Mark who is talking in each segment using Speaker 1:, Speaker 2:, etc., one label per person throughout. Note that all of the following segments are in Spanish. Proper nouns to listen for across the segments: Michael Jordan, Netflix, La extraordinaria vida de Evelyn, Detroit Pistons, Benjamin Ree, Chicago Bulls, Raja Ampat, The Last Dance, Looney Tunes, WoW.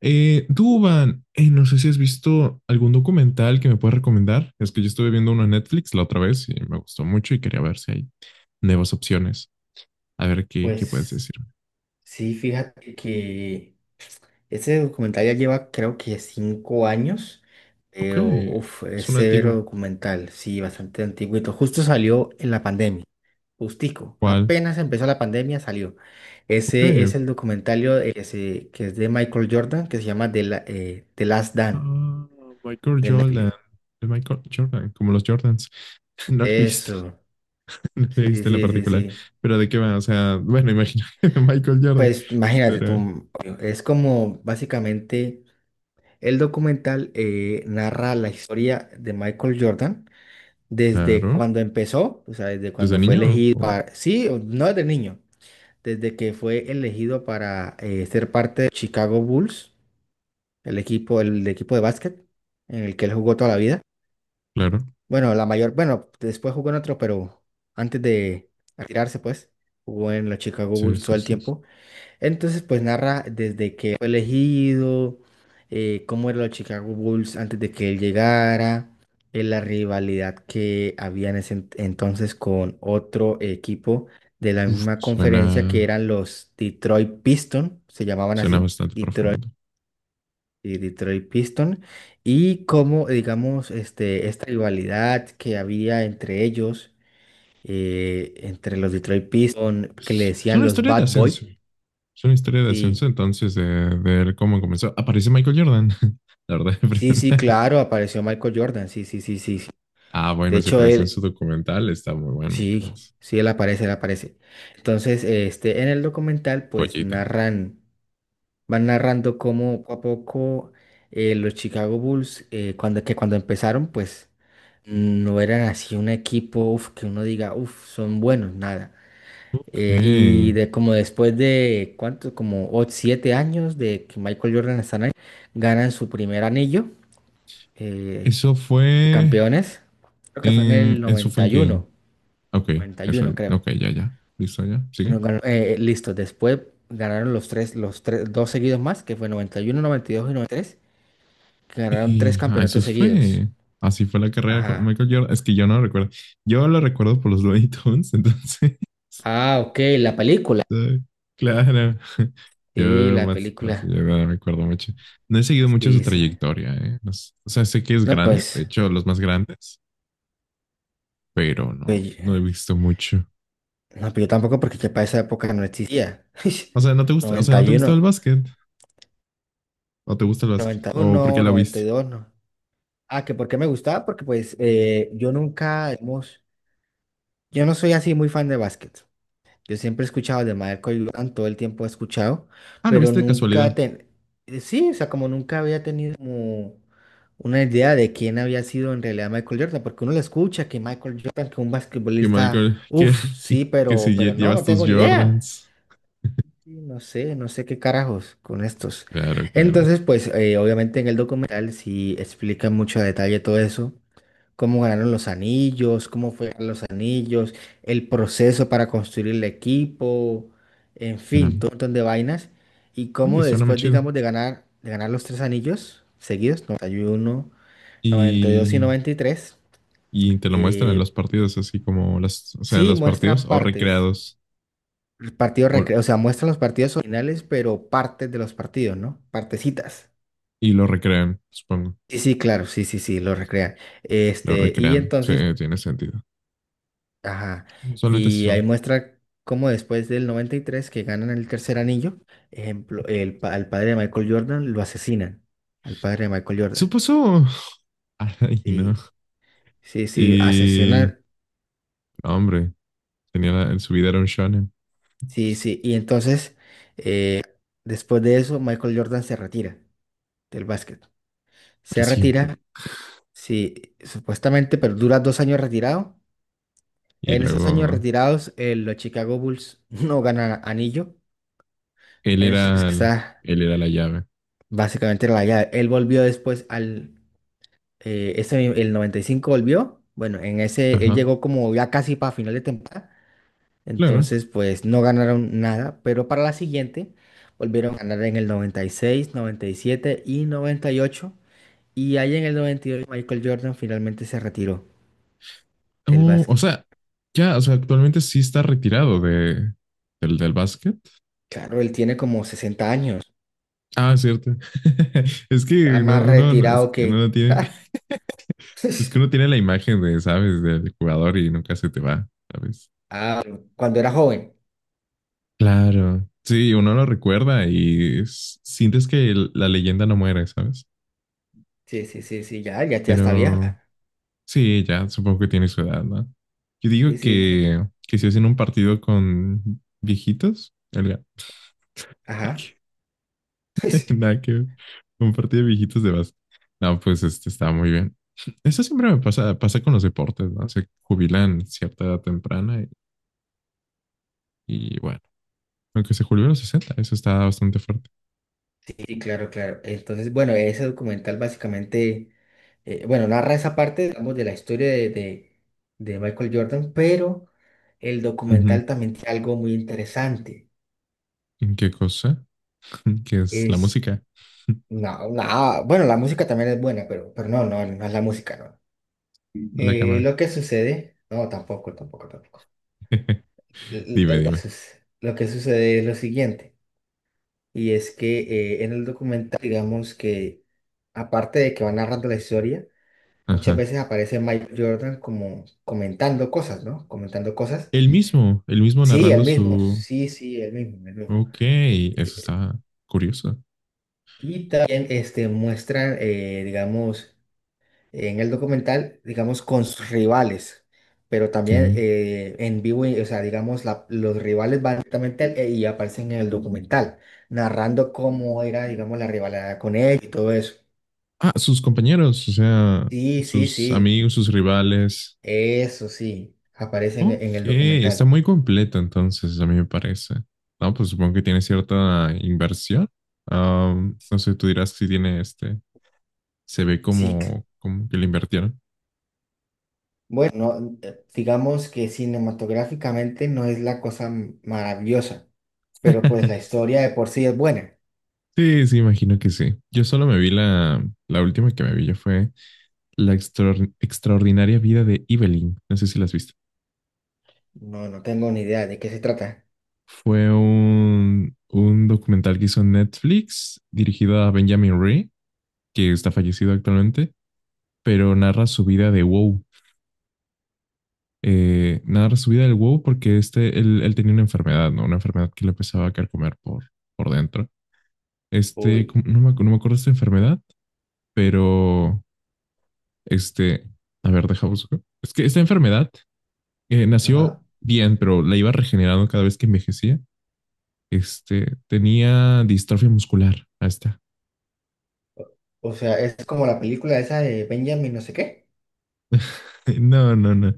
Speaker 1: Duban, no sé si has visto algún documental que me puedas recomendar. Es que yo estuve viendo uno en Netflix la otra vez y me gustó mucho y quería ver si hay nuevas opciones. A ver qué puedes
Speaker 2: Pues
Speaker 1: decirme.
Speaker 2: sí, fíjate que ese documental ya lleva creo que 5 años,
Speaker 1: Ok,
Speaker 2: pero uf, es
Speaker 1: es una antigua.
Speaker 2: severo documental, sí, bastante antiguito. Justo salió en la pandemia, justico,
Speaker 1: ¿Cuál?
Speaker 2: apenas empezó la pandemia salió.
Speaker 1: Ok,
Speaker 2: Ese es
Speaker 1: ok.
Speaker 2: el documentario que, que es de Michael Jordan, que se llama The Last Dance
Speaker 1: Ah, Michael
Speaker 2: de
Speaker 1: Jordan.
Speaker 2: Netflix.
Speaker 1: De Michael Jordan, como los Jordans. No lo he visto,
Speaker 2: Eso,
Speaker 1: no lo
Speaker 2: sí,
Speaker 1: he visto en la
Speaker 2: sí, sí,
Speaker 1: particular.
Speaker 2: sí.
Speaker 1: Pero de qué va, o sea, bueno, imagino de Michael Jordan.
Speaker 2: Pues imagínate
Speaker 1: Pero,
Speaker 2: tú, es como básicamente el documental narra la historia de Michael Jordan desde
Speaker 1: claro,
Speaker 2: cuando empezó, o sea, desde
Speaker 1: desde
Speaker 2: cuando fue
Speaker 1: niño,
Speaker 2: elegido
Speaker 1: o
Speaker 2: para, sí, no desde niño, desde que fue elegido para ser parte de Chicago Bulls, el equipo, el equipo de básquet en el que él jugó toda la vida.
Speaker 1: claro.
Speaker 2: Bueno, la mayor, bueno, después jugó en otro, pero antes de retirarse, pues, jugó en los Chicago
Speaker 1: Sí,
Speaker 2: Bulls todo
Speaker 1: sí,
Speaker 2: el
Speaker 1: sí, sí.
Speaker 2: tiempo. Entonces, pues narra desde que fue elegido, cómo eran los Chicago Bulls antes de que él llegara, la rivalidad que había en ese entonces con otro equipo de la
Speaker 1: Uf,
Speaker 2: misma conferencia que eran los Detroit Pistons, se llamaban
Speaker 1: suena
Speaker 2: así,
Speaker 1: bastante
Speaker 2: Detroit,
Speaker 1: profundo.
Speaker 2: Detroit Pistons, y cómo, digamos, este, esta rivalidad que había entre ellos, entre los Detroit Pistons, que le
Speaker 1: Es
Speaker 2: decían
Speaker 1: una
Speaker 2: los
Speaker 1: historia de
Speaker 2: Bad Boy,
Speaker 1: ascenso. Es una historia de ascenso,
Speaker 2: sí.
Speaker 1: entonces, de ver cómo comenzó. Aparece Michael Jordan, la verdad.
Speaker 2: Sí, sí, claro, apareció Michael Jordan, sí, sí, sí, sí, sí.
Speaker 1: Ah,
Speaker 2: De
Speaker 1: bueno, si
Speaker 2: hecho,
Speaker 1: aparece en su
Speaker 2: él,
Speaker 1: documental, está muy bueno.
Speaker 2: sí,
Speaker 1: Entonces,
Speaker 2: sí, él aparece, él aparece. Entonces, este, en el documental, pues
Speaker 1: joyita.
Speaker 2: narran, van narrando cómo poco a poco los Chicago Bulls, cuando, que cuando empezaron, pues no eran así un equipo, uf, que uno diga, uf, son buenos, nada.
Speaker 1: Ok.
Speaker 2: Y de como después de, ¿cuánto? Como 7 años de que Michael Jordan está ahí, ganan su primer anillo. eh,
Speaker 1: Eso
Speaker 2: de
Speaker 1: fue
Speaker 2: campeones. Creo que fue en
Speaker 1: en.
Speaker 2: el
Speaker 1: Eso fue
Speaker 2: noventa
Speaker 1: en
Speaker 2: y
Speaker 1: quién.
Speaker 2: uno
Speaker 1: Ok,
Speaker 2: noventa y
Speaker 1: eso.
Speaker 2: uno creo.
Speaker 1: Ok, ya, ya. Listo, ya. Sigue.
Speaker 2: Listo, después ganaron los tres, dos seguidos más, que fue 91 92 y 93 que ganaron tres
Speaker 1: Y ah, eso
Speaker 2: campeonatos seguidos.
Speaker 1: fue. Así fue la carrera con
Speaker 2: Ajá.
Speaker 1: Michael Jordan. Es que yo no lo recuerdo. Yo lo recuerdo por los Looney Tunes, entonces.
Speaker 2: Ah, ok, la película.
Speaker 1: Sí, claro, yo
Speaker 2: Sí, la
Speaker 1: más, yo
Speaker 2: película.
Speaker 1: no me acuerdo mucho. No he seguido mucho su
Speaker 2: Sí, sí.
Speaker 1: trayectoria, ¿eh? No s- o sea, sé que es
Speaker 2: No,
Speaker 1: grande, de
Speaker 2: pues,
Speaker 1: hecho, los más grandes, pero
Speaker 2: pues, yo-
Speaker 1: no he visto mucho.
Speaker 2: no, pues yo tampoco porque ya para esa época no existía.
Speaker 1: O sea, ¿no te gusta, o sea,
Speaker 2: 90 noventa
Speaker 1: no te
Speaker 2: y
Speaker 1: gusta el
Speaker 2: uno
Speaker 1: básquet? ¿O te gusta el básquet?
Speaker 2: noventa y
Speaker 1: ¿O por qué
Speaker 2: uno
Speaker 1: la
Speaker 2: noventa
Speaker 1: viste?
Speaker 2: y dos no. Ah, que por qué me gustaba, porque pues yo nunca, hemos... Yo no soy así muy fan de básquet. Yo siempre he escuchado de Michael Jordan, todo el tiempo he escuchado,
Speaker 1: Ah, la
Speaker 2: pero
Speaker 1: viste de
Speaker 2: nunca
Speaker 1: casualidad.
Speaker 2: ten... sí, o sea, como nunca había tenido como una idea de quién había sido en realidad Michael Jordan, porque uno le escucha que Michael Jordan, que un
Speaker 1: Que
Speaker 2: basquetbolista,
Speaker 1: Michael,
Speaker 2: uff, sí,
Speaker 1: que si
Speaker 2: pero
Speaker 1: lle-
Speaker 2: no,
Speaker 1: llevas
Speaker 2: no
Speaker 1: tus
Speaker 2: tengo ni idea.
Speaker 1: Jordans.
Speaker 2: Y no sé, no sé qué carajos con estos.
Speaker 1: Claro, claro.
Speaker 2: Entonces, pues, obviamente en el documental sí explican mucho a detalle todo eso, cómo ganaron los anillos, cómo fue los anillos, el proceso para construir el equipo, en
Speaker 1: Suena,
Speaker 2: fin, todo un montón de vainas. Y
Speaker 1: oye,
Speaker 2: cómo
Speaker 1: suena muy
Speaker 2: después,
Speaker 1: chido.
Speaker 2: digamos, de ganar los tres anillos seguidos, 91, 92 y
Speaker 1: Y,
Speaker 2: 93,
Speaker 1: y te lo muestran en
Speaker 2: eh,
Speaker 1: los partidos, así como las, o sea, en
Speaker 2: sí
Speaker 1: los partidos
Speaker 2: muestran
Speaker 1: o
Speaker 2: partes,
Speaker 1: recreados. O,
Speaker 2: o sea, muestran los partidos originales, pero partes de los partidos, ¿no? Partecitas.
Speaker 1: y lo recrean, supongo.
Speaker 2: Sí, sí, claro, sí, sí, sí, lo recrean.
Speaker 1: Lo
Speaker 2: Este, y
Speaker 1: recrean. Sí,
Speaker 2: entonces,
Speaker 1: tiene sentido.
Speaker 2: ajá.
Speaker 1: Solamente así
Speaker 2: Y ahí
Speaker 1: son.
Speaker 2: muestra cómo después del 93 que ganan el tercer anillo, ejemplo, al padre de Michael Jordan lo asesinan. Al padre de Michael Jordan.
Speaker 1: Supuso. Ay, no.
Speaker 2: Sí, sí, sí,
Speaker 1: Y.
Speaker 2: asesinan.
Speaker 1: No, hombre, tenía la- en su vida era un shonen.
Speaker 2: Sí, sí. Y entonces, después de eso, Michael Jordan se retira del básquet.
Speaker 1: Para
Speaker 2: Se retira,
Speaker 1: siempre.
Speaker 2: sí, supuestamente, pero dura 2 años retirado.
Speaker 1: Y
Speaker 2: En esos años
Speaker 1: luego.
Speaker 2: retirados, los Chicago Bulls no ganan anillo.
Speaker 1: Él
Speaker 2: En esos años
Speaker 1: era.
Speaker 2: que
Speaker 1: El-
Speaker 2: está
Speaker 1: él era la llave.
Speaker 2: básicamente en la llave. Él volvió después al el 95 volvió. Bueno, en ese él
Speaker 1: Ajá.
Speaker 2: llegó como ya casi para final de temporada.
Speaker 1: Claro.
Speaker 2: Entonces, pues no ganaron nada, pero para la siguiente volvieron a ganar en el 96, 97 y 98. Y 98. Y ahí en el 98 Michael Jordan finalmente se retiró del
Speaker 1: Oh, o
Speaker 2: básquet.
Speaker 1: sea, ya, o sea, actualmente sí está retirado de. ¿Del, del básquet?
Speaker 2: Claro, él tiene como 60 años.
Speaker 1: Ah, cierto. Es
Speaker 2: Está
Speaker 1: que
Speaker 2: más
Speaker 1: no- es
Speaker 2: retirado
Speaker 1: que uno no
Speaker 2: que...
Speaker 1: tiene,
Speaker 2: ¡Ja!
Speaker 1: es que uno tiene la imagen de, ¿sabes? Del jugador y nunca se te va, ¿sabes?
Speaker 2: Ah, cuando era joven.
Speaker 1: Claro, sí, uno lo recuerda y s- sientes que el- la leyenda no muere, ¿sabes?
Speaker 2: Sí, sí, sí, sí, ya, ya, ya está
Speaker 1: Pero
Speaker 2: vieja.
Speaker 1: sí, ya supongo que tiene su edad, ¿no? Yo
Speaker 2: Sí,
Speaker 1: digo que si hacen un partido con viejitos, Olga,
Speaker 2: ajá.
Speaker 1: nada que ver, un partido de viejitos de base. No, pues este está muy bien. Eso siempre me pasa, pasa con los deportes, ¿no? Se jubilan cierta edad temprana y bueno, aunque se jubilan a los 60, eso está bastante fuerte.
Speaker 2: Sí, claro, claro. Entonces, bueno, ese documental básicamente, bueno, narra esa parte, digamos, de la historia de, de Michael Jordan, pero el
Speaker 1: Ujú.
Speaker 2: documental también tiene algo muy interesante.
Speaker 1: ¿En qué cosa? ¿Qué es la
Speaker 2: Es,
Speaker 1: música?
Speaker 2: no, no, bueno, la música también es buena, pero no, no, no es la música, no.
Speaker 1: La
Speaker 2: Lo
Speaker 1: cámara.
Speaker 2: que sucede, no, tampoco, tampoco, tampoco.
Speaker 1: Dime, dime.
Speaker 2: Lo que sucede es lo siguiente, y es que en el documental, digamos que, aparte de que va narrando la historia, muchas
Speaker 1: Ajá.
Speaker 2: veces aparece Mike Jordan como comentando cosas, ¿no? Comentando cosas.
Speaker 1: El mismo
Speaker 2: Sí, el
Speaker 1: narrando
Speaker 2: mismo.
Speaker 1: su...
Speaker 2: Sí, sí, el mismo, el mismo.
Speaker 1: Ok, eso
Speaker 2: Eh,
Speaker 1: está curioso.
Speaker 2: Y también este, muestran, digamos, en el documental, digamos, con sus rivales, pero también
Speaker 1: Ok.
Speaker 2: en vivo, o sea, digamos, los rivales van directamente y aparecen en el documental, narrando cómo era, digamos, la rivalidad con él y todo eso.
Speaker 1: Ah, sus compañeros, o sea,
Speaker 2: Sí, sí,
Speaker 1: sus
Speaker 2: sí.
Speaker 1: amigos, sus rivales.
Speaker 2: Eso sí, aparecen
Speaker 1: Ok,
Speaker 2: en el
Speaker 1: está
Speaker 2: documental.
Speaker 1: muy completo entonces, a mí me parece. No, pues supongo que tiene cierta inversión. Am, no sé, tú dirás si tiene este. Se ve
Speaker 2: Sí.
Speaker 1: como que le invirtieron.
Speaker 2: Bueno, no, digamos que cinematográficamente no es la cosa maravillosa, pero pues la historia de por sí es buena.
Speaker 1: Sí, sí, imagino que sí. Yo solo me vi la última que me vi, ya fue La extraor- extraordinaria vida de Evelyn. No sé si la has visto.
Speaker 2: No, no tengo ni idea de qué se trata.
Speaker 1: Fue un documental que hizo Netflix dirigido a Benjamin Ree, que está fallecido actualmente, pero narra su vida de WoW. Narra su vida del WoW porque este, él tenía una enfermedad, ¿no? Una enfermedad que le empezaba a carcomer por dentro. Este,
Speaker 2: Uy,
Speaker 1: ¿cómo- no me, acu- no me acuerdo de esta enfermedad, pero este, a ver, deja busco. Es que esta enfermedad nació
Speaker 2: ajá.
Speaker 1: bien, pero la iba regenerando cada vez que envejecía. Este, tenía distrofia muscular. Ahí está.
Speaker 2: O o sea, es como la película esa de Benjamin no sé qué.
Speaker 1: No, no, no.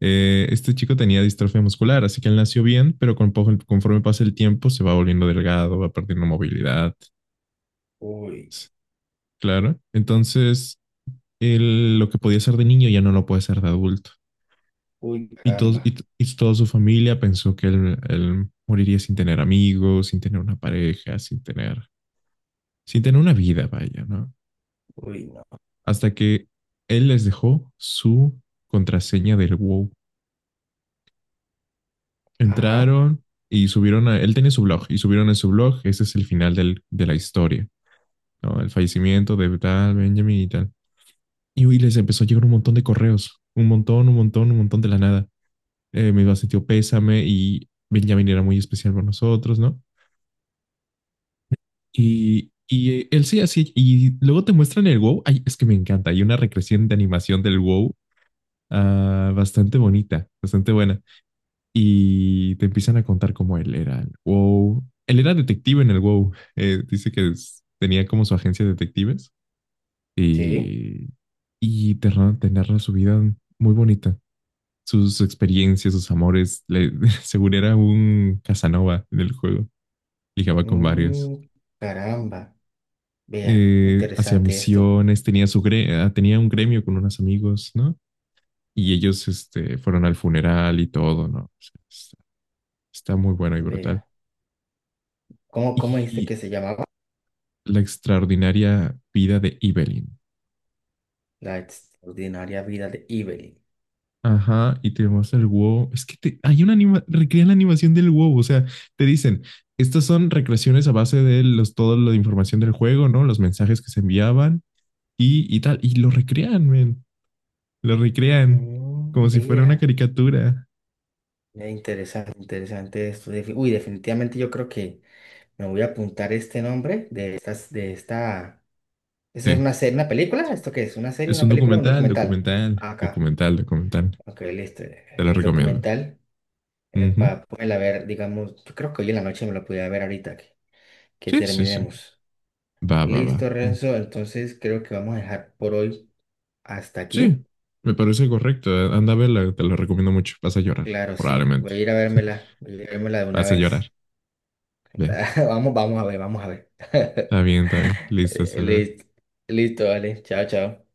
Speaker 1: Este chico tenía distrofia muscular, así que él nació bien, pero conforme pasa el tiempo se va volviendo delgado, va perdiendo movilidad.
Speaker 2: Uy,
Speaker 1: Claro. Entonces, él, lo que podía hacer de niño ya no lo puede hacer de adulto.
Speaker 2: uy,
Speaker 1: Y, todos,
Speaker 2: caramba.
Speaker 1: y toda su familia pensó que él moriría sin tener amigos, sin tener una pareja, sin tener, sin tener una vida, vaya, ¿no?
Speaker 2: Uy, no.
Speaker 1: Hasta que él les dejó su contraseña del WoW.
Speaker 2: Ajá,
Speaker 1: Entraron y subieron a, él tenía su blog y subieron en su blog, ese es el final del- de la historia, ¿no? El fallecimiento de tal Benjamin y tal. Y uy, les empezó a llegar un montón de correos, un montón, un montón, un montón de la nada. Me iba a sentir pésame y Benjamin era muy especial con nosotros, ¿no? Y él sí, así, y luego te muestran el WoW, ay, es que me encanta, hay una recreación de animación del WoW ah, bastante bonita, bastante buena. Y te empiezan a contar cómo él era el WoW. Él era detective en el WoW. Dice que es- tenía como su agencia de detectives
Speaker 2: sí.
Speaker 1: y, te, ra- te narra su vida muy bonita. Sus experiencias, sus amores. Le- según era un Casanova en el juego. Ligaba con varios.
Speaker 2: Mm, caramba. Vea,
Speaker 1: Hacía
Speaker 2: interesante esto.
Speaker 1: misiones, tenía, su gre- ah, tenía un gremio con unos amigos, ¿no? Y ellos este, fueron al funeral y todo, ¿no? O sea, está muy bueno y
Speaker 2: Vea.
Speaker 1: brutal.
Speaker 2: ¿Cómo, cómo dijiste
Speaker 1: Y
Speaker 2: que se llamaba?
Speaker 1: la extraordinaria vida de Evelyn.
Speaker 2: La extraordinaria vida de Evelyn.
Speaker 1: Ajá, y te muestra el huevo. Es que te- hay una anima, recrean la animación del huevo. O sea, te dicen, estas son recreaciones a base de los, toda la información del juego, ¿no? Los mensajes que se enviaban y tal. Y lo recrean, men. Lo recrean
Speaker 2: Mm,
Speaker 1: como si fuera una
Speaker 2: vea.
Speaker 1: caricatura.
Speaker 2: Interesante, interesante esto. Uy, definitivamente yo creo que me voy a apuntar este nombre de estas, de esta. ¿Esa es
Speaker 1: Sí,
Speaker 2: una serie, una película? ¿Esto qué es? ¿Una serie,
Speaker 1: es
Speaker 2: una
Speaker 1: un
Speaker 2: película o un
Speaker 1: documental,
Speaker 2: documental?
Speaker 1: documental,
Speaker 2: Ah, acá.
Speaker 1: documental, documental.
Speaker 2: Ok, listo.
Speaker 1: Te lo
Speaker 2: El
Speaker 1: recomiendo.
Speaker 2: documental,
Speaker 1: Ujú.
Speaker 2: para poderla ver, digamos, yo creo que hoy en la noche me lo podía ver ahorita que
Speaker 1: Sí, sí, sí.
Speaker 2: terminemos.
Speaker 1: Va, va, va.
Speaker 2: Listo, Renzo. Entonces creo que vamos a dejar por hoy hasta aquí.
Speaker 1: Sí, me parece correcto. Anda a verla, te la recomiendo mucho. Vas a llorar,
Speaker 2: Claro, sí. Voy
Speaker 1: probablemente.
Speaker 2: a ir a vérmela, voy a ir a vérmela de una
Speaker 1: Vas a
Speaker 2: vez.
Speaker 1: llorar. Ve,
Speaker 2: Vamos, vamos a ver, vamos a ver.
Speaker 1: está bien, está bien. Listo,
Speaker 2: Eh,
Speaker 1: hasta luego.
Speaker 2: li- Listo, vale. Chao, chao.